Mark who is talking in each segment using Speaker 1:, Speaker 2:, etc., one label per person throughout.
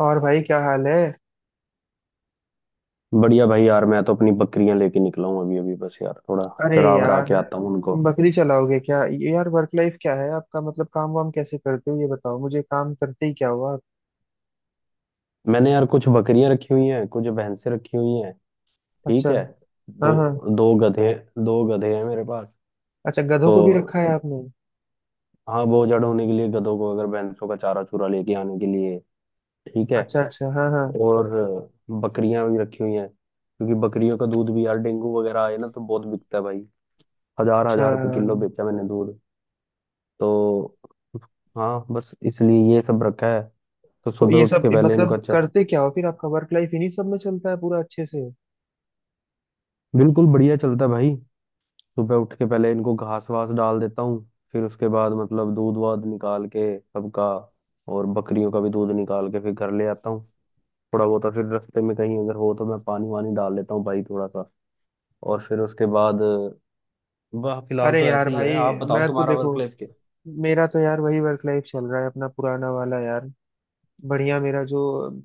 Speaker 1: और भाई क्या हाल है।
Speaker 2: बढ़िया भाई यार मैं तो अपनी बकरियां लेके निकला हूँ अभी अभी। बस यार थोड़ा
Speaker 1: अरे
Speaker 2: चरा वरा
Speaker 1: यार,
Speaker 2: के आता हूँ उनको।
Speaker 1: बकरी चलाओगे क्या? ये यार वर्क लाइफ क्या है आपका? मतलब काम वाम कैसे करते हो, ये बताओ मुझे। काम करते ही क्या हुआ?
Speaker 2: मैंने यार कुछ बकरियां रखी हुई हैं कुछ भैंसें रखी हुई हैं।
Speaker 1: अच्छा।
Speaker 2: ठीक है। दो
Speaker 1: हाँ हाँ।
Speaker 2: दो गधे दो गधे हैं मेरे पास।
Speaker 1: अच्छा, गधों को भी रखा है
Speaker 2: तो
Speaker 1: आपने।
Speaker 2: हाँ, बोझ जड़ होने के लिए गधों को, अगर भैंसों का चारा चूरा लेके आने के लिए। ठीक है।
Speaker 1: अच्छा अच्छा, हाँ हाँ।
Speaker 2: और बकरियां भी रखी हुई हैं क्योंकि बकरियों का दूध भी यार डेंगू वगैरह आए ना तो बहुत बिकता है भाई। हजार
Speaker 1: अच्छा,
Speaker 2: हजार रुपये किलो बेचा मैंने दूध। तो हाँ, बस इसलिए ये सब रखा है। तो
Speaker 1: तो
Speaker 2: सुबह
Speaker 1: ये
Speaker 2: उठ
Speaker 1: सब
Speaker 2: के पहले इनको,
Speaker 1: मतलब
Speaker 2: अच्छा।
Speaker 1: करते क्या हो फिर? आपका वर्क लाइफ इन्हीं सब में चलता है पूरा अच्छे से?
Speaker 2: बिल्कुल, बढ़िया चलता है भाई। सुबह उठ के पहले इनको घास वास डाल देता हूँ। फिर उसके बाद मतलब दूध वाध निकाल के सबका। और बकरियों का भी दूध निकाल के फिर घर ले आता हूँ थोड़ा बहुत। और फिर रास्ते में कहीं अगर हो तो मैं पानी वानी डाल लेता हूँ भाई थोड़ा सा। और फिर उसके बाद, वाह, फिलहाल
Speaker 1: अरे
Speaker 2: तो
Speaker 1: यार
Speaker 2: ऐसे ही
Speaker 1: भाई,
Speaker 2: है। आप बताओ
Speaker 1: मैं तो
Speaker 2: तुम्हारा
Speaker 1: देखो,
Speaker 2: वर्क लाइफ के।
Speaker 1: मेरा तो यार वही वर्क लाइफ चल रहा है अपना पुराना वाला यार। बढ़िया। मेरा जो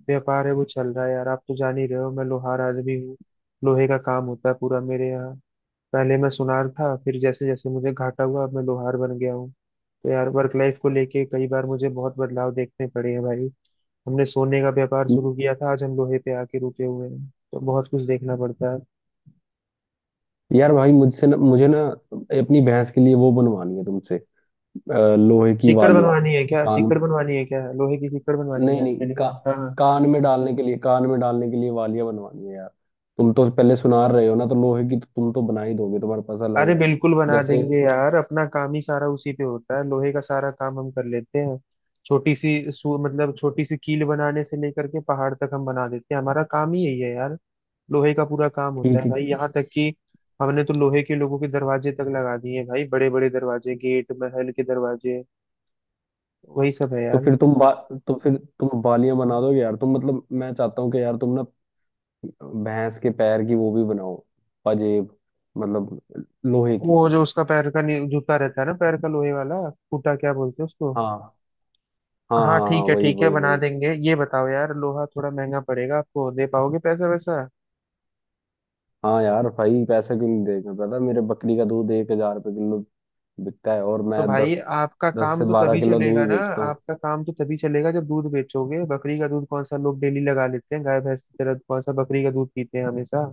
Speaker 1: व्यापार है वो चल रहा है यार। आप तो जान ही रहे हो, मैं लोहार आदमी हूँ। लोहे का काम होता है पूरा मेरे यहाँ। पहले मैं सुनार था, फिर जैसे जैसे मुझे घाटा हुआ, अब मैं लोहार बन गया हूँ। तो यार वर्क लाइफ को लेके कई बार मुझे बहुत बदलाव देखने पड़े हैं भाई। हमने सोने का व्यापार शुरू किया था, आज हम लोहे पे आके रुके हुए हैं, तो बहुत कुछ देखना पड़ता है।
Speaker 2: यार भाई, मुझसे ना मुझे ना अपनी भैंस के लिए वो बनवानी है तुमसे। लोहे की
Speaker 1: सीकड़
Speaker 2: वालियां।
Speaker 1: बनवानी है क्या?
Speaker 2: कान।
Speaker 1: सीकड़ बनवानी है क्या? लोहे की सीकड़ बनवानी है
Speaker 2: नहीं
Speaker 1: भैंस
Speaker 2: नहीं,
Speaker 1: के लिए? हाँ,
Speaker 2: कान में डालने के लिए, वालियां बनवानी है यार। तुम तो पहले सुना रहे हो ना, तो लोहे की तो तुम तो बना ही दोगे, तुम्हारे पास
Speaker 1: अरे
Speaker 2: अलग।
Speaker 1: बिल्कुल बना
Speaker 2: जैसे।
Speaker 1: देंगे यार। अपना काम ही सारा उसी पे होता है, लोहे का सारा काम हम कर लेते हैं। मतलब छोटी सी कील बनाने से लेकर के पहाड़ तक हम बना देते हैं। हमारा काम ही यही है यार। लोहे का पूरा काम होता है
Speaker 2: ठीक है।
Speaker 1: भाई। यहाँ तक कि हमने तो लोहे के लोगों के दरवाजे तक लगा दिए हैं भाई। बड़े बड़े दरवाजे, गेट, महल के दरवाजे। वही सब है
Speaker 2: तो
Speaker 1: यार।
Speaker 2: फिर तुम बा, तो फिर तुम वालियां बना दोगे यार। तुम मतलब, मैं चाहता हूँ कि यार तुम ना भैंस के पैर की वो भी बनाओ। पंजेब मतलब, लोहे की।
Speaker 1: वो जो उसका पैर का जूता रहता है ना, पैर का लोहे वाला, फूटा क्या बोलते हैं उसको?
Speaker 2: हाँ हाँ
Speaker 1: हाँ
Speaker 2: हाँ हाँ,
Speaker 1: ठीक है
Speaker 2: वही
Speaker 1: ठीक है,
Speaker 2: वही
Speaker 1: बना
Speaker 2: वही।
Speaker 1: देंगे। ये बताओ यार, लोहा थोड़ा महंगा पड़ेगा, आपको दे पाओगे पैसा वैसा?
Speaker 2: हाँ यार भाई, पैसा क्यों नहीं देगा, पता है, मेरे बकरी का दूध 1,000 रुपये किलो बिकता है और
Speaker 1: तो
Speaker 2: मैं
Speaker 1: भाई
Speaker 2: दस
Speaker 1: आपका
Speaker 2: दस
Speaker 1: काम
Speaker 2: से
Speaker 1: तो
Speaker 2: बारह
Speaker 1: तभी
Speaker 2: किलो
Speaker 1: चलेगा
Speaker 2: दूध
Speaker 1: ना।
Speaker 2: बेचता हूँ।
Speaker 1: आपका काम तो तभी चलेगा जब दूध बेचोगे। बकरी का दूध कौन सा लोग डेली लगा लेते हैं गाय भैंस की तरह? कौन सा बकरी का दूध पीते हैं हमेशा?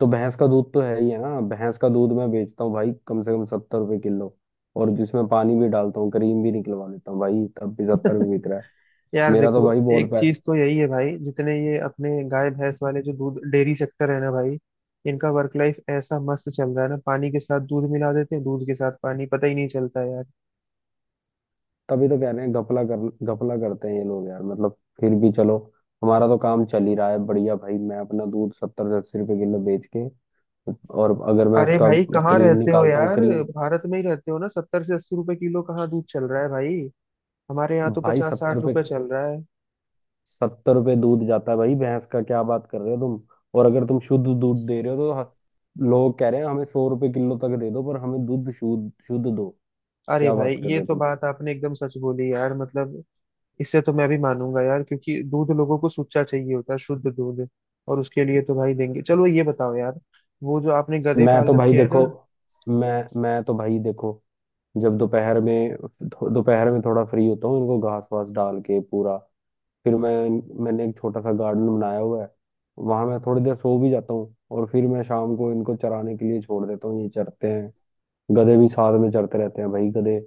Speaker 2: तो भैंस का दूध तो है ही है ना। भैंस का दूध मैं बेचता हूँ भाई कम से कम 70 रुपये किलो, और जिसमें पानी भी डालता हूँ, क्रीम भी निकलवा लेता हूँ भाई, तब भी 70 भी बिक रहा है।
Speaker 1: यार
Speaker 2: मेरा तो
Speaker 1: देखो,
Speaker 2: भाई बहुत
Speaker 1: एक
Speaker 2: पै।
Speaker 1: चीज तो यही है भाई, जितने ये अपने गाय भैंस वाले जो दूध डेयरी सेक्टर है ना भाई, इनका वर्क लाइफ ऐसा मस्त चल रहा है ना। पानी के साथ दूध मिला देते हैं, दूध के साथ पानी, पता ही नहीं चलता है यार।
Speaker 2: तभी तो कह रहे हैं, घपला करते हैं ये लोग यार। मतलब, फिर भी चलो, हमारा तो काम चल ही रहा है बढ़िया भाई। मैं अपना दूध 70 से 80 रुपये किलो बेच के। और अगर मैं
Speaker 1: अरे
Speaker 2: उसका
Speaker 1: भाई, कहाँ
Speaker 2: क्रीम
Speaker 1: रहते हो
Speaker 2: निकालता हूँ,
Speaker 1: यार?
Speaker 2: क्रीम।
Speaker 1: भारत में ही रहते हो ना? 70 से 80 रुपए किलो कहाँ दूध चल रहा है भाई? हमारे यहाँ तो
Speaker 2: भाई
Speaker 1: पचास साठ रुपए चल रहा है।
Speaker 2: 70 रुपये दूध जाता है भाई भैंस का, क्या बात कर रहे हो तुम। और अगर तुम शुद्ध दूध दे रहे हो तो लोग कह रहे हैं हमें 100 रुपए किलो तक दे दो, पर हमें दूध शुद्ध शुद्ध दो।
Speaker 1: अरे
Speaker 2: क्या
Speaker 1: भाई,
Speaker 2: बात कर रहे
Speaker 1: ये
Speaker 2: हो
Speaker 1: तो
Speaker 2: तुम।
Speaker 1: बात आपने एकदम सच बोली यार। मतलब इससे तो मैं भी मानूंगा यार, क्योंकि दूध लोगों को सुच्चा चाहिए होता है, शुद्ध दूध। और उसके लिए तो भाई देंगे। चलो ये बताओ यार, वो जो आपने गधे
Speaker 2: मैं
Speaker 1: पाल
Speaker 2: तो भाई
Speaker 1: रखे हैं
Speaker 2: देखो।
Speaker 1: ना,
Speaker 2: मैं मैं तो भाई देखो, जब दोपहर में थोड़ा फ्री होता हूँ, इनको घास वास डाल के पूरा, फिर मैं, मैंने एक छोटा सा गार्डन बनाया हुआ है, वहां मैं थोड़ी देर सो भी जाता हूँ। और फिर मैं शाम को इनको चराने के लिए छोड़ देता हूँ, ये चरते हैं। गधे भी साथ में चढ़ते रहते हैं भाई। गधे,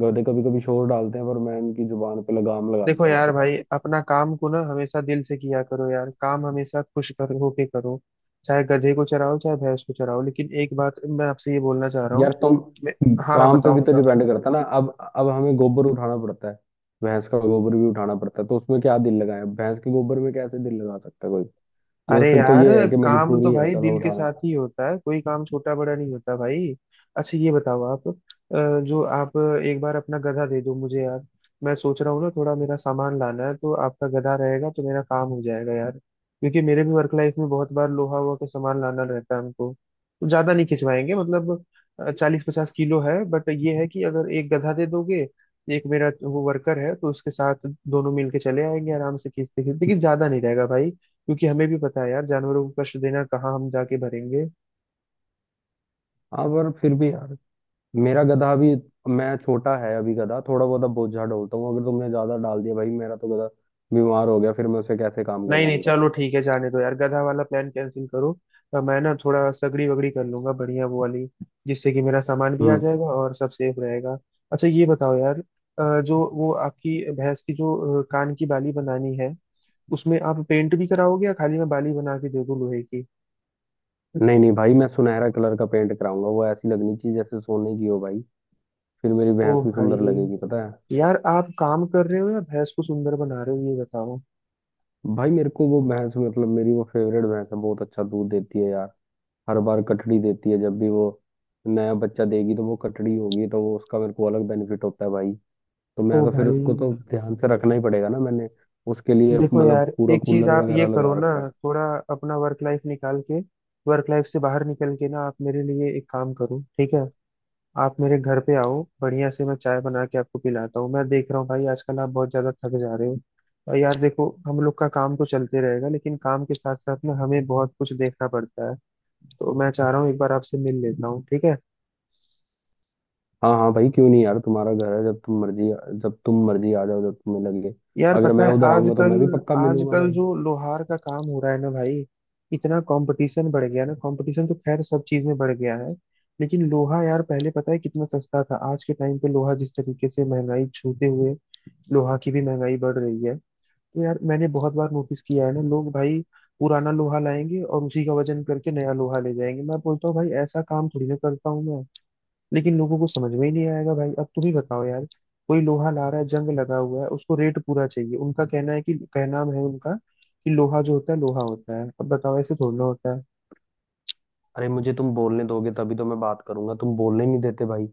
Speaker 2: गधे कभी कभी शोर डालते हैं, पर मैं उनकी जुबान पे लगाम लगा
Speaker 1: देखो
Speaker 2: देता हूँ
Speaker 1: यार
Speaker 2: फिर।
Speaker 1: भाई, अपना काम को ना हमेशा दिल से किया करो यार। काम हमेशा खुश कर होके करो। चाहे गधे को चराओ, चाहे भैंस को चराओ, लेकिन एक बात मैं आपसे ये बोलना चाह रहा हूँ।
Speaker 2: यार तुम,
Speaker 1: मैं- हाँ हाँ,
Speaker 2: काम पे
Speaker 1: बताओ
Speaker 2: भी तो
Speaker 1: बताओ।
Speaker 2: डिपेंड करता है ना अब। अब हमें गोबर उठाना पड़ता है, भैंस का गोबर भी उठाना पड़ता है, तो उसमें क्या दिल लगाए, भैंस के गोबर में कैसे दिल लगा सकता है कोई। मतलब,
Speaker 1: अरे
Speaker 2: फिर तो
Speaker 1: यार,
Speaker 2: ये है कि
Speaker 1: काम तो
Speaker 2: मजबूरी है,
Speaker 1: भाई
Speaker 2: चलो
Speaker 1: दिल के
Speaker 2: उठाना।
Speaker 1: साथ ही होता है। कोई काम छोटा बड़ा नहीं होता भाई। अच्छा ये बताओ, आप जो आप, एक बार अपना गधा दे दो मुझे यार। मैं सोच रहा हूँ ना, थोड़ा मेरा सामान लाना है, तो आपका गधा रहेगा तो मेरा काम हो जाएगा यार। क्योंकि मेरे भी वर्क लाइफ में बहुत बार लोहा वोहा का सामान लाना रहता है हमको। तो ज्यादा नहीं खिंचवाएंगे, मतलब 40 50 किलो है, बट ये है कि अगर एक गधा दे दोगे, एक मेरा वो वर्कर है, तो उसके साथ दोनों मिलके चले आएंगे आराम से खींचते खींचते। लेकिन ज्यादा नहीं रहेगा भाई, क्योंकि हमें भी पता है यार, जानवरों को कष्ट देना, कहाँ हम जाके भरेंगे।
Speaker 2: हाँ, पर फिर भी यार, मेरा गधा भी, मैं, छोटा है अभी गधा, थोड़ा बहुत अब बोझा ढोता हूँ, अगर तुमने ज्यादा डाल दिया भाई, मेरा तो गधा बीमार हो गया, फिर मैं उसे कैसे काम
Speaker 1: नहीं नहीं,
Speaker 2: करवाऊंगा।
Speaker 1: चलो ठीक है, जाने दो यार, गधा वाला प्लान कैंसिल करो। मैं ना थोड़ा सगड़ी वगड़ी कर लूंगा बढ़िया वो वाली, जिससे कि मेरा सामान भी आ
Speaker 2: हम्म।
Speaker 1: जाएगा और सब सेफ रहेगा। अच्छा ये बताओ यार, जो वो आपकी भैंस की जो कान की बाली बनानी है, उसमें आप पेंट भी कराओगे या खाली मैं बाली बना के दे दूं लोहे की?
Speaker 2: नहीं नहीं भाई, मैं सुनहरा कलर का पेंट कराऊंगा, वो ऐसी लगनी चाहिए जैसे सोने की हो भाई। फिर मेरी
Speaker 1: ओ
Speaker 2: भैंस भी सुंदर
Speaker 1: भाई,
Speaker 2: लगेगी, पता है।
Speaker 1: यार आप काम कर रहे हो या भैंस को सुंदर बना रहे हो, ये बताओ?
Speaker 2: भाई मेरे को वो भैंस, मतलब, मेरी वो फेवरेट भैंस है, बहुत अच्छा दूध देती है यार। हर बार कटड़ी देती है, जब भी वो नया बच्चा देगी तो वो कटड़ी होगी, तो वो उसका मेरे को अलग बेनिफिट होता है भाई। तो
Speaker 1: ओ
Speaker 2: मैं तो फिर
Speaker 1: भाई,
Speaker 2: उसको तो ध्यान से रखना ही पड़ेगा ना। मैंने उसके लिए
Speaker 1: देखो
Speaker 2: मतलब
Speaker 1: यार,
Speaker 2: पूरा
Speaker 1: एक चीज
Speaker 2: कूलर
Speaker 1: आप ये
Speaker 2: वगैरह
Speaker 1: करो
Speaker 2: लगा
Speaker 1: ना,
Speaker 2: रखा है।
Speaker 1: थोड़ा अपना वर्क लाइफ निकाल के, वर्क लाइफ से बाहर निकल के ना आप मेरे लिए एक काम करो, ठीक है? आप मेरे घर पे आओ, बढ़िया से मैं चाय बना के आपको पिलाता हूँ। मैं देख रहा हूँ भाई, आजकल आप बहुत ज्यादा थक जा रहे हो। और यार देखो, हम लोग का काम तो चलते रहेगा, लेकिन काम के साथ साथ ना हमें बहुत कुछ देखना पड़ता है। तो मैं चाह रहा हूँ एक बार आपसे मिल लेता हूँ, ठीक है?
Speaker 2: हाँ हाँ भाई, क्यों नहीं यार, तुम्हारा घर है, जब तुम मर्जी, जब तुम मर्जी आ जाओ, जब तुम्हें लगे।
Speaker 1: यार
Speaker 2: अगर
Speaker 1: पता
Speaker 2: मैं
Speaker 1: है
Speaker 2: उधर आऊंगा तो
Speaker 1: आजकल,
Speaker 2: मैं भी पक्का मिलूंगा
Speaker 1: आजकल
Speaker 2: भाई।
Speaker 1: जो लोहार का काम हो रहा है ना भाई, इतना कंपटीशन बढ़ गया ना। कंपटीशन तो खैर सब चीज में बढ़ गया है। लेकिन लोहा यार, पहले पता है कितना सस्ता था, आज के टाइम पे लोहा जिस तरीके से महंगाई छूते हुए, लोहा की भी महंगाई बढ़ रही है। तो यार मैंने बहुत बार नोटिस किया है ना लोग भाई, पुराना लोहा लाएंगे और उसी का वजन करके नया लोहा ले जाएंगे। मैं बोलता हूँ भाई, ऐसा काम थोड़ी ना करता हूँ मैं। लेकिन लोगों को समझ में ही नहीं आएगा भाई। अब तुम ही बताओ यार, कोई लोहा ला रहा है, जंग लगा हुआ है, उसको रेट पूरा चाहिए। उनका कहना है कि, कहना है उनका कि लोहा जो होता है, लोहा होता है। अब बताओ, ऐसे थोड़ा होता है?
Speaker 2: अरे, मुझे तुम बोलने दोगे तभी तो मैं बात करूंगा, तुम बोलने नहीं देते भाई।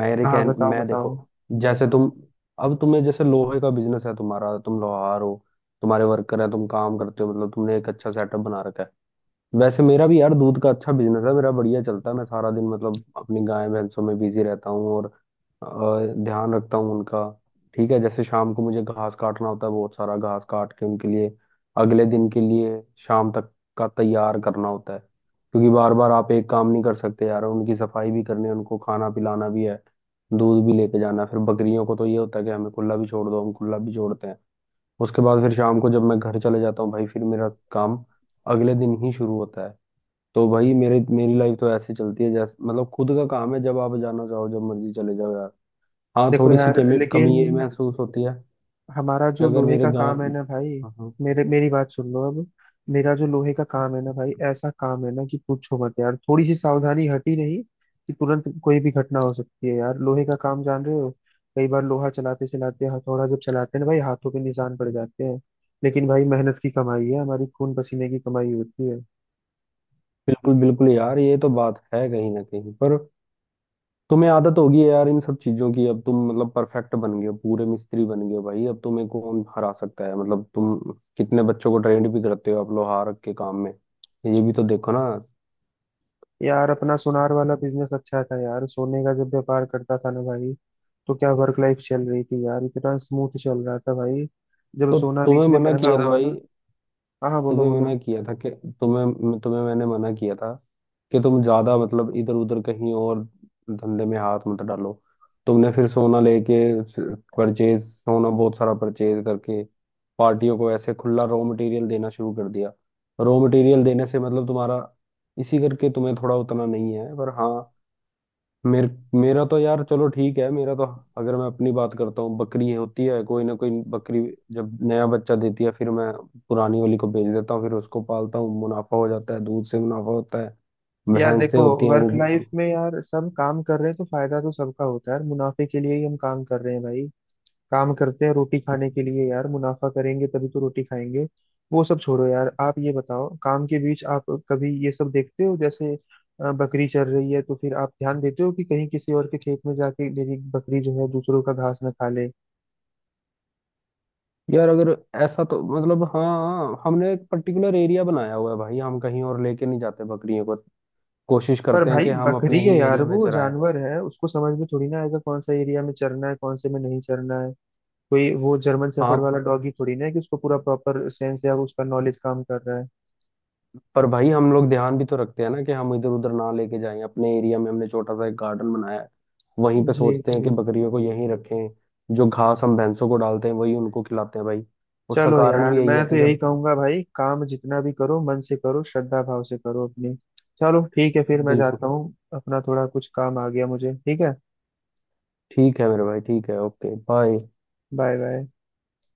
Speaker 2: मेरे
Speaker 1: हाँ
Speaker 2: कह,
Speaker 1: बताओ
Speaker 2: मैं देखो,
Speaker 1: बताओ।
Speaker 2: जैसे तुम, अब तुम्हें, जैसे लोहे का बिजनेस है तुम्हारा, तुम लोहार हो, तुम्हारे वर्कर हैं, तुम काम करते हो, मतलब तुमने एक अच्छा सेटअप बना रखा है। वैसे मेरा भी यार दूध का अच्छा बिजनेस है, मेरा बढ़िया चलता है, मैं सारा दिन मतलब अपनी गाय भैंसों में बिजी रहता हूँ, और ध्यान रखता हूँ उनका। ठीक है, जैसे शाम को मुझे घास काटना होता है, बहुत सारा घास काट के उनके लिए अगले दिन के लिए, शाम तक का तैयार करना होता है। क्योंकि बार बार आप एक काम नहीं कर सकते यार, उनकी सफाई भी करनी है, उनको खाना पिलाना भी है, दूध भी लेके जाना है। फिर बकरियों को तो ये होता है कि हमें खुला भी छोड़ दो, हम खुला भी छोड़ते हैं। उसके बाद फिर शाम को जब मैं घर चले जाता हूँ भाई, फिर मेरा काम अगले दिन ही शुरू होता है। तो भाई मेरे मेरी लाइफ तो ऐसे चलती है जैसे, मतलब, खुद का काम है, जब आप जाना चाहो जब मर्जी चले जाओ यार। हाँ,
Speaker 1: देखो
Speaker 2: थोड़ी सी
Speaker 1: यार
Speaker 2: कमी
Speaker 1: लेकिन,
Speaker 2: कमी ये महसूस होती है
Speaker 1: हमारा
Speaker 2: कि
Speaker 1: जो
Speaker 2: अगर
Speaker 1: लोहे
Speaker 2: मेरे
Speaker 1: का
Speaker 2: गांव।
Speaker 1: काम है ना भाई,
Speaker 2: हाँ हाँ।
Speaker 1: मेरे मेरी बात सुन लो अब। मेरा जो लोहे का काम है ना भाई, ऐसा काम है ना कि पूछो मत यार। थोड़ी सी सावधानी हटी नहीं कि तुरंत कोई भी घटना हो सकती है यार। लोहे का काम जान रहे हो, कई बार लोहा चलाते चलाते, हथौड़ा जब चलाते हैं ना भाई, हाथों पे निशान पड़ जाते हैं। लेकिन भाई मेहनत की कमाई है, हमारी खून पसीने की कमाई होती है।
Speaker 2: बिल्कुल बिल्कुल यार, ये तो बात है कहीं ना कहीं पर। तुम्हें आदत होगी है यार इन सब चीजों की, अब तुम मतलब परफेक्ट बन गए हो, पूरे मिस्त्री बन गए हो भाई, अब तुम्हें कौन हरा सकता है, मतलब तुम कितने बच्चों को ट्रेंड भी करते हो आप लोहार के काम में, ये भी तो देखो ना।
Speaker 1: यार अपना सुनार वाला बिजनेस अच्छा था यार। सोने का जब व्यापार करता था ना भाई, तो क्या वर्क लाइफ चल रही थी यार, इतना स्मूथ चल रहा था भाई। जब
Speaker 2: तो
Speaker 1: सोना
Speaker 2: तुम्हें
Speaker 1: बीच में
Speaker 2: मना
Speaker 1: महंगा
Speaker 2: किया था
Speaker 1: हुआ
Speaker 2: भाई,
Speaker 1: ना, हाँ हाँ बोलो
Speaker 2: तुम्हें मना
Speaker 1: बोलो।
Speaker 2: किया था कि, तुम्हें तुम्हें मैंने मना किया था कि तुम ज्यादा मतलब इधर उधर कहीं और धंधे में हाथ मत डालो। तुमने फिर सोना लेके परचेज, सोना बहुत सारा परचेज करके पार्टियों को ऐसे खुला रॉ मटेरियल देना शुरू कर दिया। रॉ मटेरियल देने से मतलब तुम्हारा, इसी करके तुम्हें थोड़ा, उतना नहीं है पर। हाँ, मेर, मेरा तो यार चलो ठीक है। मेरा तो, अगर मैं अपनी बात करता हूँ, बकरी होती है कोई ना कोई बकरी, जब नया बच्चा देती है, फिर मैं पुरानी वाली को बेच देता हूँ, फिर उसको पालता हूँ, मुनाफा हो जाता है, दूध से मुनाफा होता है।
Speaker 1: यार
Speaker 2: भैंसें
Speaker 1: देखो,
Speaker 2: होती हैं
Speaker 1: वर्क
Speaker 2: वो।
Speaker 1: लाइफ में यार सब काम कर रहे हैं तो फायदा तो सबका होता है यार। मुनाफे के लिए ही हम काम कर रहे हैं भाई। काम करते हैं रोटी खाने के लिए यार, मुनाफा करेंगे तभी तो रोटी खाएंगे। वो सब छोड़ो यार, आप ये बताओ, काम के बीच आप कभी ये सब देखते हो, जैसे बकरी चर रही है तो फिर आप ध्यान देते हो कि कहीं किसी और के खेत में जाके मेरी बकरी जो है दूसरों का घास ना खा ले?
Speaker 2: यार अगर ऐसा, तो मतलब हाँ, हमने एक पर्टिकुलर एरिया बनाया हुआ है भाई, हम कहीं और लेके नहीं जाते बकरियों को, कोशिश
Speaker 1: पर
Speaker 2: करते हैं कि
Speaker 1: भाई
Speaker 2: हम
Speaker 1: बकरी
Speaker 2: अपने
Speaker 1: है
Speaker 2: ही
Speaker 1: यार,
Speaker 2: एरिया में
Speaker 1: वो
Speaker 2: चराएं।
Speaker 1: जानवर है, उसको समझ में थोड़ी ना आएगा कौन सा एरिया में चरना है, कौन से में नहीं चरना है। कोई वो जर्मन
Speaker 2: हाँ,
Speaker 1: शेफर्ड वाला डॉगी थोड़ी ना है कि उसको पूरा प्रॉपर सेंस या उसका नॉलेज काम कर रहा है।
Speaker 2: पर भाई हम लोग ध्यान भी तो रखते हैं ना, कि हम इधर उधर ना लेके जाएं, अपने एरिया में हमने छोटा सा एक गार्डन बनाया है, वहीं पे
Speaker 1: जी
Speaker 2: सोचते हैं कि
Speaker 1: जी।
Speaker 2: बकरियों को यहीं रखें। जो घास हम भैंसों को डालते हैं वही उनको खिलाते हैं भाई। उसका
Speaker 1: चलो
Speaker 2: कारण
Speaker 1: यार,
Speaker 2: भी यही
Speaker 1: मैं
Speaker 2: है
Speaker 1: तो
Speaker 2: कि
Speaker 1: यही
Speaker 2: जब।
Speaker 1: कहूंगा भाई, काम जितना भी करो मन से करो, श्रद्धा भाव से करो अपनी। चलो ठीक है, फिर मैं
Speaker 2: बिल्कुल।
Speaker 1: जाता हूँ, अपना थोड़ा कुछ काम आ गया मुझे, ठीक है?
Speaker 2: ठीक है मेरे भाई, ठीक है, ओके, बाय।
Speaker 1: Bye bye.